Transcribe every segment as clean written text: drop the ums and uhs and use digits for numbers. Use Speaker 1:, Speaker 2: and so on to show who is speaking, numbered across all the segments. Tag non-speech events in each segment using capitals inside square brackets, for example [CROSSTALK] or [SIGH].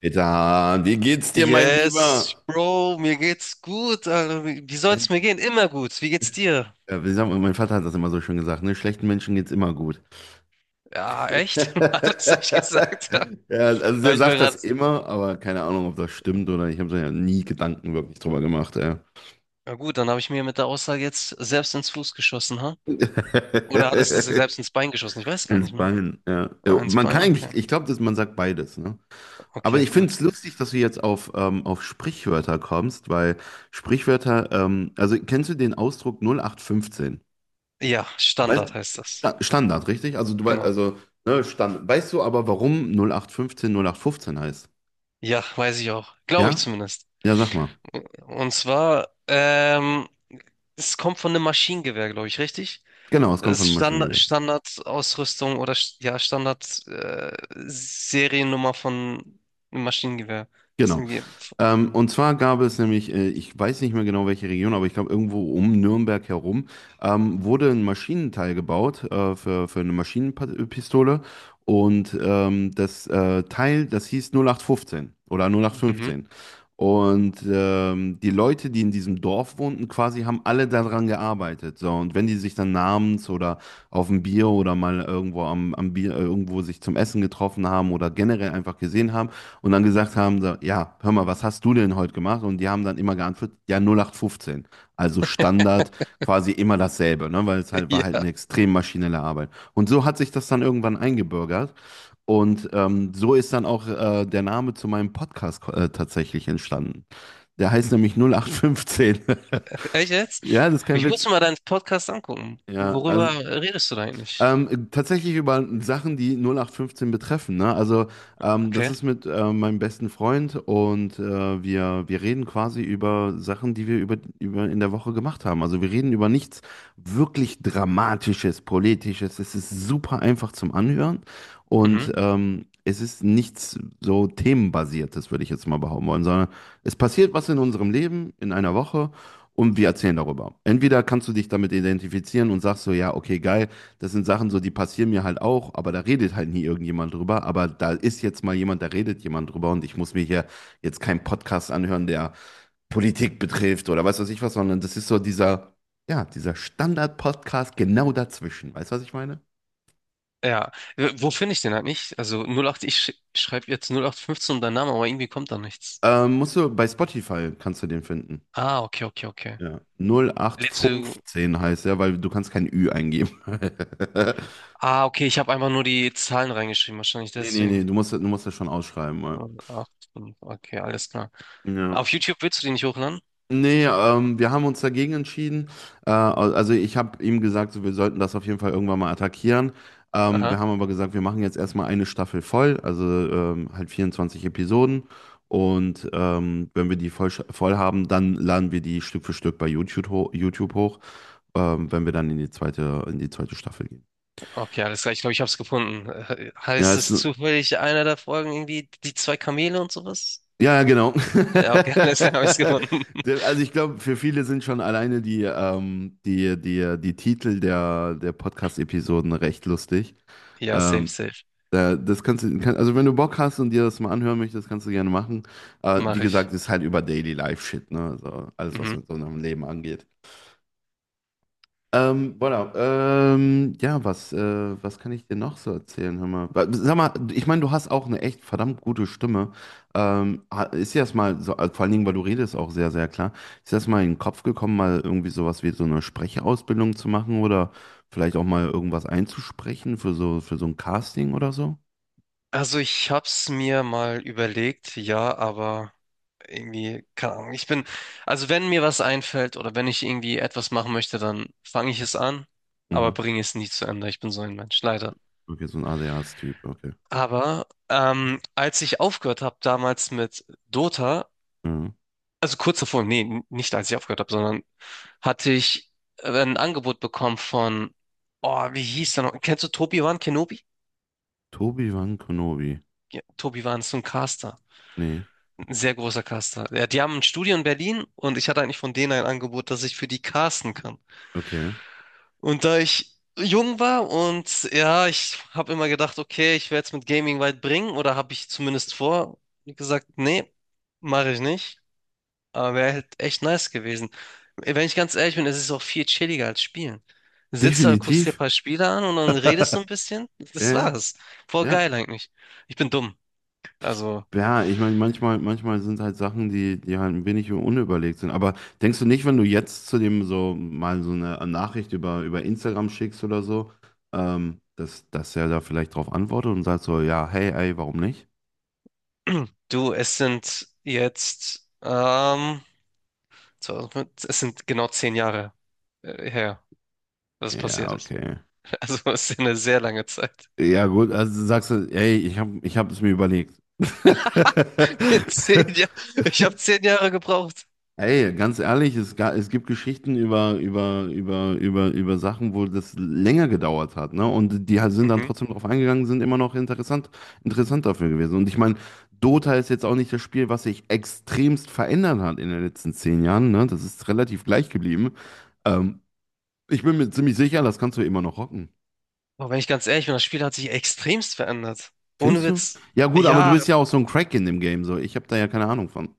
Speaker 1: Peter, wie geht's dir, mein
Speaker 2: Yes,
Speaker 1: Lieber?
Speaker 2: Bro, mir geht's gut. Alter. Wie soll's mir
Speaker 1: Blenden.
Speaker 2: gehen? Immer gut. Wie geht's dir?
Speaker 1: Ja, wie sagt mein Vater hat das immer so schön gesagt, ne? Schlechten Menschen geht's immer gut.
Speaker 2: Ja,
Speaker 1: [LAUGHS]
Speaker 2: echt? [LAUGHS] Alles, was ich gesagt habe.
Speaker 1: Ja, also
Speaker 2: Habe
Speaker 1: der
Speaker 2: ich mir
Speaker 1: sagt
Speaker 2: gerade.
Speaker 1: das immer, aber keine Ahnung, ob das stimmt oder ich habe mir ja nie Gedanken wirklich drüber gemacht, ja.
Speaker 2: Na gut, dann habe ich mir mit der Aussage jetzt selbst ins Fuß geschossen, ha?
Speaker 1: [LAUGHS]
Speaker 2: Oder hattest du sie selbst ins Bein geschossen? Ich weiß gar
Speaker 1: Ins
Speaker 2: nicht mehr.
Speaker 1: Bein, ja. Ja,
Speaker 2: Ah, ins
Speaker 1: man
Speaker 2: Bein?
Speaker 1: kann eigentlich,
Speaker 2: Okay.
Speaker 1: ich glaube, dass man sagt beides, ne? Aber
Speaker 2: Okay,
Speaker 1: ich finde
Speaker 2: gut.
Speaker 1: es lustig, dass du jetzt auf Sprichwörter kommst, weil Sprichwörter, also kennst du den Ausdruck 0815?
Speaker 2: Ja,
Speaker 1: Weißt,
Speaker 2: Standard heißt das.
Speaker 1: ja, Standard, richtig? Also
Speaker 2: Genau.
Speaker 1: ne, Standard. Weißt du aber, warum 0815 heißt?
Speaker 2: Ja, weiß ich auch. Glaube ich
Speaker 1: Ja?
Speaker 2: zumindest.
Speaker 1: Ja, sag mal.
Speaker 2: Und zwar, es kommt von einem Maschinengewehr, glaube ich, richtig?
Speaker 1: Genau, es kommt von
Speaker 2: Ist
Speaker 1: einem
Speaker 2: Standard,
Speaker 1: Maschinengewehr.
Speaker 2: Standardausrüstung oder ja, Standard, Seriennummer von einem Maschinengewehr. Das ist
Speaker 1: Genau.
Speaker 2: irgendwie.
Speaker 1: Und zwar gab es nämlich, ich weiß nicht mehr genau welche Region, aber ich glaube irgendwo um Nürnberg herum, wurde ein Maschinenteil gebaut für eine Maschinenpistole. Und das Teil, das hieß 0815 oder
Speaker 2: Mhm.
Speaker 1: 0815. Und die Leute, die in diesem Dorf wohnten, quasi haben alle daran gearbeitet. So, und wenn die sich dann abends oder auf ein Bier oder mal irgendwo am Bier, irgendwo sich zum Essen getroffen haben oder generell einfach gesehen haben, und dann gesagt haben, so, ja, hör mal, was hast du denn heute gemacht? Und die haben dann immer geantwortet, ja, 0815. Also Standard, quasi immer dasselbe, ne? Weil es
Speaker 2: [LAUGHS]
Speaker 1: halt war eine
Speaker 2: Ja.
Speaker 1: extrem maschinelle Arbeit. Und so hat sich das dann irgendwann eingebürgert. Und so ist dann auch der Name zu meinem Podcast tatsächlich entstanden. Der heißt nämlich 0815. [LAUGHS]
Speaker 2: Echt jetzt?
Speaker 1: Ja, das ist kein
Speaker 2: Ich muss
Speaker 1: Witz.
Speaker 2: mir mal deinen Podcast angucken.
Speaker 1: Ja,
Speaker 2: Worüber
Speaker 1: also
Speaker 2: redest du da eigentlich?
Speaker 1: tatsächlich über Sachen, die 0815 betreffen. Ne? Also das
Speaker 2: Okay.
Speaker 1: ist mit meinem besten Freund und wir reden quasi über Sachen, die wir über in der Woche gemacht haben. Also wir reden über nichts wirklich Dramatisches, Politisches. Es ist super einfach zum Anhören
Speaker 2: Mhm.
Speaker 1: und es ist nichts so themenbasiertes, würde ich jetzt mal behaupten wollen, sondern es passiert was in unserem Leben in einer Woche. Und wir erzählen darüber. Entweder kannst du dich damit identifizieren und sagst so, ja, okay, geil, das sind Sachen so, die passieren mir halt auch, aber da redet halt nie irgendjemand drüber. Aber da ist jetzt mal jemand, da redet jemand drüber und ich muss mir hier jetzt keinen Podcast anhören, der Politik betrifft oder weiß was ich was, sondern das ist so dieser, ja, dieser Standard-Podcast genau dazwischen. Weißt du, was ich meine?
Speaker 2: Ja. Wo finde ich den halt nicht? Also 08, ich schreibe jetzt 0815 und dein Name, aber irgendwie kommt da nichts.
Speaker 1: Musst du bei Spotify kannst du den finden.
Speaker 2: Ah, okay, okay, okay.
Speaker 1: Ja. Null acht
Speaker 2: Lädst du.
Speaker 1: fünfzehn heißt er, weil du kannst kein Ü eingeben. [LAUGHS]
Speaker 2: Ah, okay, ich habe einfach nur die Zahlen reingeschrieben, wahrscheinlich
Speaker 1: nee, nee, nee,
Speaker 2: deswegen.
Speaker 1: du musst, du musst das schon ausschreiben. Ja.
Speaker 2: 08, okay, alles klar.
Speaker 1: Ja.
Speaker 2: Auf YouTube willst du die nicht hochladen?
Speaker 1: Nee, wir haben uns dagegen entschieden. Also ich habe ihm gesagt, so, wir sollten das auf jeden Fall irgendwann mal attackieren. Wir
Speaker 2: Aha,
Speaker 1: haben aber gesagt, wir machen jetzt erstmal eine Staffel voll, also halt 24 Episoden. Und wenn wir die voll haben, dann laden wir die Stück für Stück bei YouTube, ho YouTube hoch, wenn wir dann in die zweite Staffel gehen.
Speaker 2: okay, alles klar. Ich glaube, ich habe es gefunden.
Speaker 1: Ja,
Speaker 2: Heißt
Speaker 1: es,
Speaker 2: es zufällig einer der Folgen irgendwie die zwei Kamele und sowas?
Speaker 1: ja, ja, genau.
Speaker 2: Ja, okay, [LAUGHS]
Speaker 1: [LAUGHS]
Speaker 2: alles klar, habe ich es gefunden.
Speaker 1: Also ich glaube, für viele sind schon alleine die, die Titel der Podcast-Episoden recht lustig.
Speaker 2: Ja, safe,
Speaker 1: Ähm,
Speaker 2: safe.
Speaker 1: das kannst du, also wenn du Bock hast und dir das mal anhören möchtest, kannst du gerne machen. Wie
Speaker 2: Mache ich.
Speaker 1: gesagt, ist halt über Daily Life Shit, ne? Also alles, was
Speaker 2: Mhm.
Speaker 1: mit so einem Leben angeht. Voilà. Ja, was kann ich dir noch so erzählen? Hör mal. Sag mal, ich meine, du hast auch eine echt verdammt gute Stimme. Ist dir das mal, so, also vor allen Dingen, weil du redest auch sehr, sehr klar, ist dir das mal in den Kopf gekommen, mal irgendwie sowas wie so eine Sprechausbildung zu machen oder vielleicht auch mal irgendwas einzusprechen für so ein Casting oder so?
Speaker 2: Also ich hab's mir mal überlegt, ja, aber irgendwie, keine Ahnung. Ich bin, also wenn mir was einfällt oder wenn ich irgendwie etwas machen möchte, dann fange ich es an, aber
Speaker 1: Mhm.
Speaker 2: bringe es nie zu Ende. Ich bin so ein Mensch, leider.
Speaker 1: Okay, so ein ADHS-Typ, okay.
Speaker 2: Aber als ich aufgehört habe damals mit Dota,
Speaker 1: Ja.
Speaker 2: also kurz davor, nee, nicht als ich aufgehört habe, sondern hatte ich ein Angebot bekommen von, oh, wie hieß der noch? Kennst du Tobiwan Kenobi?
Speaker 1: Tobi Wan Kenobi.
Speaker 2: Ja, Tobiwan ist so ein Caster.
Speaker 1: Nee,
Speaker 2: Ein sehr großer Caster. Ja, die haben ein Studio in Berlin und ich hatte eigentlich von denen ein Angebot, dass ich für die casten kann.
Speaker 1: okay.
Speaker 2: Und da ich jung war und ja, ich habe immer gedacht, okay, ich werde es mit Gaming weit bringen oder habe ich zumindest vor, wie gesagt, nee, mache ich nicht. Aber wäre halt echt nice gewesen. Wenn ich ganz ehrlich bin, es ist auch viel chilliger als spielen. Sitzt da, guckst dir ein
Speaker 1: Definitiv.
Speaker 2: paar Spiele an und dann redest du ein
Speaker 1: [LAUGHS]
Speaker 2: bisschen.
Speaker 1: Ja,
Speaker 2: Das
Speaker 1: ja,
Speaker 2: war's. Voll
Speaker 1: ja.
Speaker 2: geil eigentlich. Ich bin dumm. Also,
Speaker 1: Ja, ich meine, manchmal, manchmal sind halt Sachen, die halt ein wenig unüberlegt sind. Aber denkst du nicht, wenn du jetzt zu dem so mal so eine Nachricht über Instagram schickst oder so, dass er da vielleicht drauf antwortet und sagt so, ja, hey, ey, warum nicht?
Speaker 2: [CLEARS THROAT] du, es sind jetzt, 2005 es sind genau zehn Jahre her, dass es
Speaker 1: Ja,
Speaker 2: passiert ist.
Speaker 1: okay.
Speaker 2: [LAUGHS] Also, es ist eine sehr lange Zeit.
Speaker 1: Ja, gut, also sagst du, ey, ich hab es mir überlegt. [LAUGHS]
Speaker 2: [LAUGHS] Zehn Jahre. Ich habe zehn Jahre gebraucht.
Speaker 1: Ey, ganz ehrlich, es gibt Geschichten über Sachen, wo das länger gedauert hat, ne? Und die halt sind dann
Speaker 2: Mhm.
Speaker 1: trotzdem drauf eingegangen, sind immer noch interessant, interessant dafür gewesen. Und ich meine, Dota ist jetzt auch nicht das Spiel, was sich extremst verändert hat in den letzten 10 Jahren, ne? Das ist relativ gleich geblieben. Ähm, ich bin mir ziemlich sicher, das kannst du immer noch rocken.
Speaker 2: Aber wenn ich ganz ehrlich bin, das Spiel hat sich extremst verändert. Ohne
Speaker 1: Findest du?
Speaker 2: Witz.
Speaker 1: Ja, gut, aber du
Speaker 2: Ja,
Speaker 1: bist ja auch so ein Crack in dem Game, so. Ich habe da ja keine Ahnung von.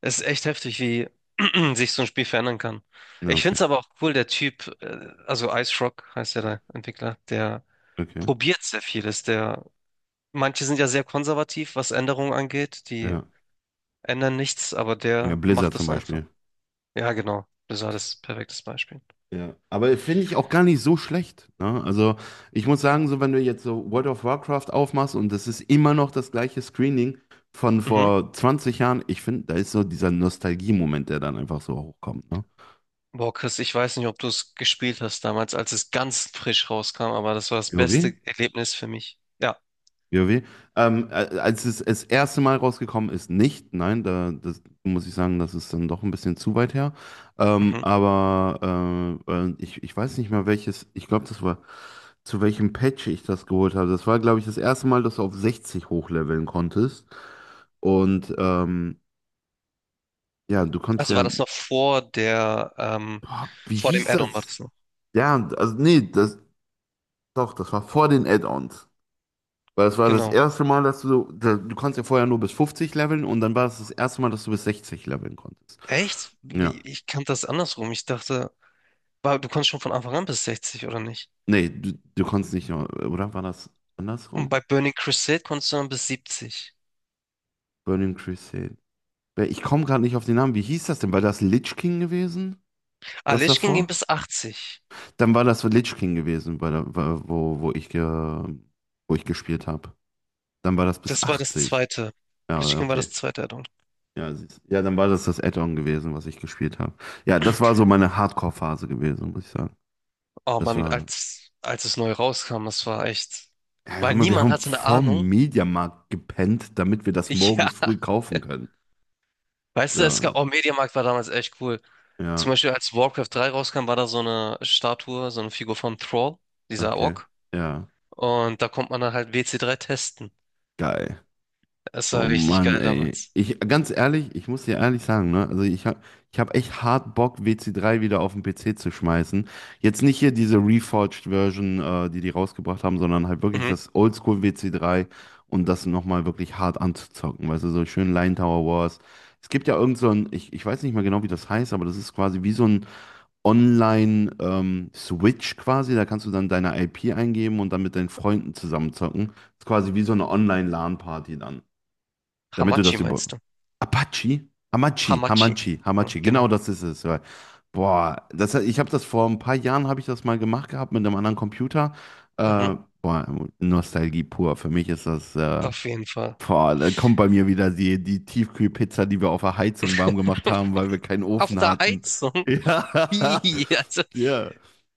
Speaker 2: es ist echt heftig, wie [CLEARS THROAT] sich so ein Spiel verändern kann.
Speaker 1: Ja,
Speaker 2: Ich finde es aber auch cool, der Typ, also Ice Rock heißt ja der Entwickler, der
Speaker 1: okay.
Speaker 2: probiert sehr vieles. Der, manche sind ja sehr konservativ, was Änderungen angeht, die
Speaker 1: Ja,
Speaker 2: ändern nichts, aber
Speaker 1: ja,
Speaker 2: der macht
Speaker 1: Blizzard zum
Speaker 2: es einfach.
Speaker 1: Beispiel.
Speaker 2: Ja, genau. Das war das perfektes Beispiel.
Speaker 1: Ja, aber finde ich auch gar nicht so schlecht. Ne? Also ich muss sagen, so wenn du jetzt so World of Warcraft aufmachst und das ist immer noch das gleiche Screening von
Speaker 2: Mhm.
Speaker 1: vor 20 Jahren, ich finde, da ist so dieser Nostalgie-Moment, der dann einfach so hochkommt. Ne?
Speaker 2: Boah, Chris, ich weiß nicht, ob du es gespielt hast damals, als es ganz frisch rauskam, aber das war das
Speaker 1: WoW?
Speaker 2: beste Erlebnis für mich. Ja.
Speaker 1: WoW. Als es das erste Mal rausgekommen ist, nicht. Nein, da das, muss ich sagen, das ist dann doch ein bisschen zu weit her.
Speaker 2: Mhm.
Speaker 1: Aber ich weiß nicht mehr welches. Ich glaube, das war zu welchem Patch ich das geholt habe. Das war, glaube ich, das erste Mal, dass du auf 60 hochleveln konntest. Und ja, du konntest
Speaker 2: Also war
Speaker 1: ja.
Speaker 2: das noch vor der,
Speaker 1: Boah, wie
Speaker 2: vor dem
Speaker 1: hieß
Speaker 2: Add-on war
Speaker 1: das?
Speaker 2: das noch.
Speaker 1: Ja, also nee, das doch, das war vor den Add-ons. Weil es war das
Speaker 2: Genau.
Speaker 1: erste Mal, dass du, so, da- du konntest ja vorher nur bis 50 leveln und dann war es das erste Mal, dass du bis 60 leveln konntest.
Speaker 2: Echt?
Speaker 1: Ja.
Speaker 2: Ich kannte das andersrum. Ich dachte, du konntest schon von Anfang an bis 60, oder nicht?
Speaker 1: Nee, du konntest nicht nur, oder war das
Speaker 2: Und
Speaker 1: andersrum?
Speaker 2: bei Burning Crusade konntest du dann bis 70.
Speaker 1: Burning Crusade. Weil ich komme gerade nicht auf den Namen. Wie hieß das denn? War das Lich King gewesen?
Speaker 2: Ah,
Speaker 1: Das
Speaker 2: Lich King ging
Speaker 1: davor?
Speaker 2: bis 80.
Speaker 1: Dann war das Lich King gewesen, wo wo ich gespielt habe. Dann war das bis
Speaker 2: Das war das
Speaker 1: 80.
Speaker 2: zweite. Lich
Speaker 1: Ja,
Speaker 2: King war das
Speaker 1: okay.
Speaker 2: zweite Addon.
Speaker 1: Ja, siehst- du. Ja, dann war das das Add-on gewesen, was ich gespielt habe. Ja, das war so
Speaker 2: [CLEARS THROAT]
Speaker 1: meine Hardcore-Phase gewesen, muss ich sagen.
Speaker 2: Oh
Speaker 1: Das
Speaker 2: Mann,
Speaker 1: war.
Speaker 2: als es neu rauskam, das war echt.
Speaker 1: Ja, hör
Speaker 2: Weil
Speaker 1: mal, wir
Speaker 2: niemand
Speaker 1: haben
Speaker 2: hatte eine
Speaker 1: vorm
Speaker 2: Ahnung.
Speaker 1: Mediamarkt gepennt, damit wir das morgens früh
Speaker 2: [LAUGHS] Ja.
Speaker 1: kaufen können.
Speaker 2: Weißt du, es gab,
Speaker 1: Da,
Speaker 2: oh, Mediamarkt war damals echt cool. Zum
Speaker 1: ja,
Speaker 2: Beispiel, als Warcraft 3 rauskam, war da so eine Statue, so eine Figur von Thrall, dieser
Speaker 1: okay.
Speaker 2: Ork.
Speaker 1: Ja,
Speaker 2: Und da konnte man dann halt WC3 testen.
Speaker 1: geil.
Speaker 2: Es
Speaker 1: Oh
Speaker 2: war richtig
Speaker 1: Mann,
Speaker 2: geil
Speaker 1: ey.
Speaker 2: damals.
Speaker 1: Ich, ganz ehrlich, ich muss dir ehrlich sagen, ne? Also ich hab echt hart Bock, WC3 wieder auf den PC zu schmeißen. Jetzt nicht hier diese Reforged Version, die die rausgebracht haben, sondern halt wirklich
Speaker 2: Mhm.
Speaker 1: das Oldschool WC3 und das nochmal wirklich hart anzuzocken. Weißt du, so schön Line Tower Wars. Es gibt ja irgend so ein, ich weiß nicht mehr genau, wie das heißt, aber das ist quasi wie so ein Online-Switch quasi. Da kannst du dann deine IP eingeben und dann mit deinen Freunden zusammenzocken. Ist quasi wie so eine Online-LAN-Party dann. Damit du
Speaker 2: Hamachi
Speaker 1: das über.
Speaker 2: meinst du?
Speaker 1: Apache?
Speaker 2: Hamachi. Ja,
Speaker 1: Hamachi. Genau
Speaker 2: genau.
Speaker 1: das ist es. Ja. Boah, ich habe das vor ein paar Jahren habe ich das mal gemacht gehabt mit einem anderen Computer.
Speaker 2: Mhm.
Speaker 1: Äh, boah, Nostalgie pur. Für mich ist das.
Speaker 2: Auf jeden Fall.
Speaker 1: Boah, da kommt bei mir wieder die Tiefkühlpizza, die wir auf der Heizung warm gemacht haben, weil wir keinen
Speaker 2: Auf
Speaker 1: Ofen
Speaker 2: der
Speaker 1: hatten.
Speaker 2: Heizung.
Speaker 1: [LAUGHS]
Speaker 2: [LAUGHS]
Speaker 1: Ja.
Speaker 2: Hihi, also,
Speaker 1: Ja.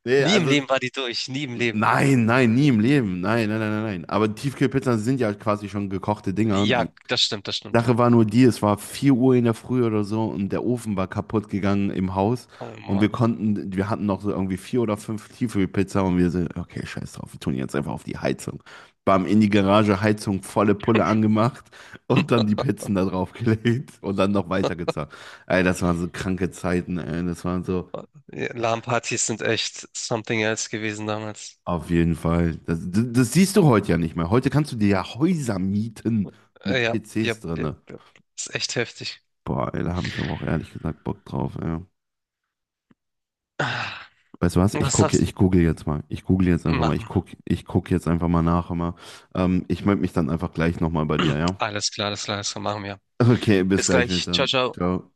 Speaker 1: Nee,
Speaker 2: nie im
Speaker 1: also.
Speaker 2: Leben war die durch. Nie im Leben.
Speaker 1: Nein, nein, nie im Leben. Nein, nein, nein, nein. Nein. Aber Tiefkühlpizzen sind ja quasi schon gekochte Dinger.
Speaker 2: Ja,
Speaker 1: Die,
Speaker 2: das stimmt, das stimmt.
Speaker 1: Sache war nur die, es war 4 Uhr in der Früh oder so und der Ofen war kaputt gegangen im Haus
Speaker 2: Oh
Speaker 1: und wir
Speaker 2: Mann.
Speaker 1: konnten, wir hatten noch so irgendwie vier oder fünf Tiefkühlpizza und wir so, okay, scheiß drauf, wir tun jetzt einfach auf die Heizung. Bam, in die Garage, Heizung, volle Pulle angemacht und dann die Pizzen da drauf gelegt und dann noch weitergezahlt. Ey, das waren so kranke Zeiten, ey, das waren so,
Speaker 2: Ja, LAN-Partys sind echt something else gewesen damals.
Speaker 1: auf jeden Fall. Das siehst du heute ja nicht mehr. Heute kannst du dir ja Häuser mieten mit
Speaker 2: Ja, ja,
Speaker 1: PCs
Speaker 2: ja,
Speaker 1: drinne.
Speaker 2: ja. Ist echt heftig.
Speaker 1: Boah, ey, da habe ich aber auch ehrlich gesagt Bock drauf, ey.
Speaker 2: Ah,
Speaker 1: Weißt du was?
Speaker 2: was sagst
Speaker 1: Ich google jetzt mal. Ich google jetzt
Speaker 2: du?
Speaker 1: einfach mal.
Speaker 2: Machen wir.
Speaker 1: Ich guck jetzt einfach mal nach immer. Ich melde mich dann einfach gleich nochmal bei dir, ja?
Speaker 2: Alles klar, alles klar, alles klar, machen wir.
Speaker 1: Okay, bis
Speaker 2: Bis
Speaker 1: gleich mit
Speaker 2: gleich. Ciao,
Speaker 1: dann.
Speaker 2: ciao.
Speaker 1: Ciao.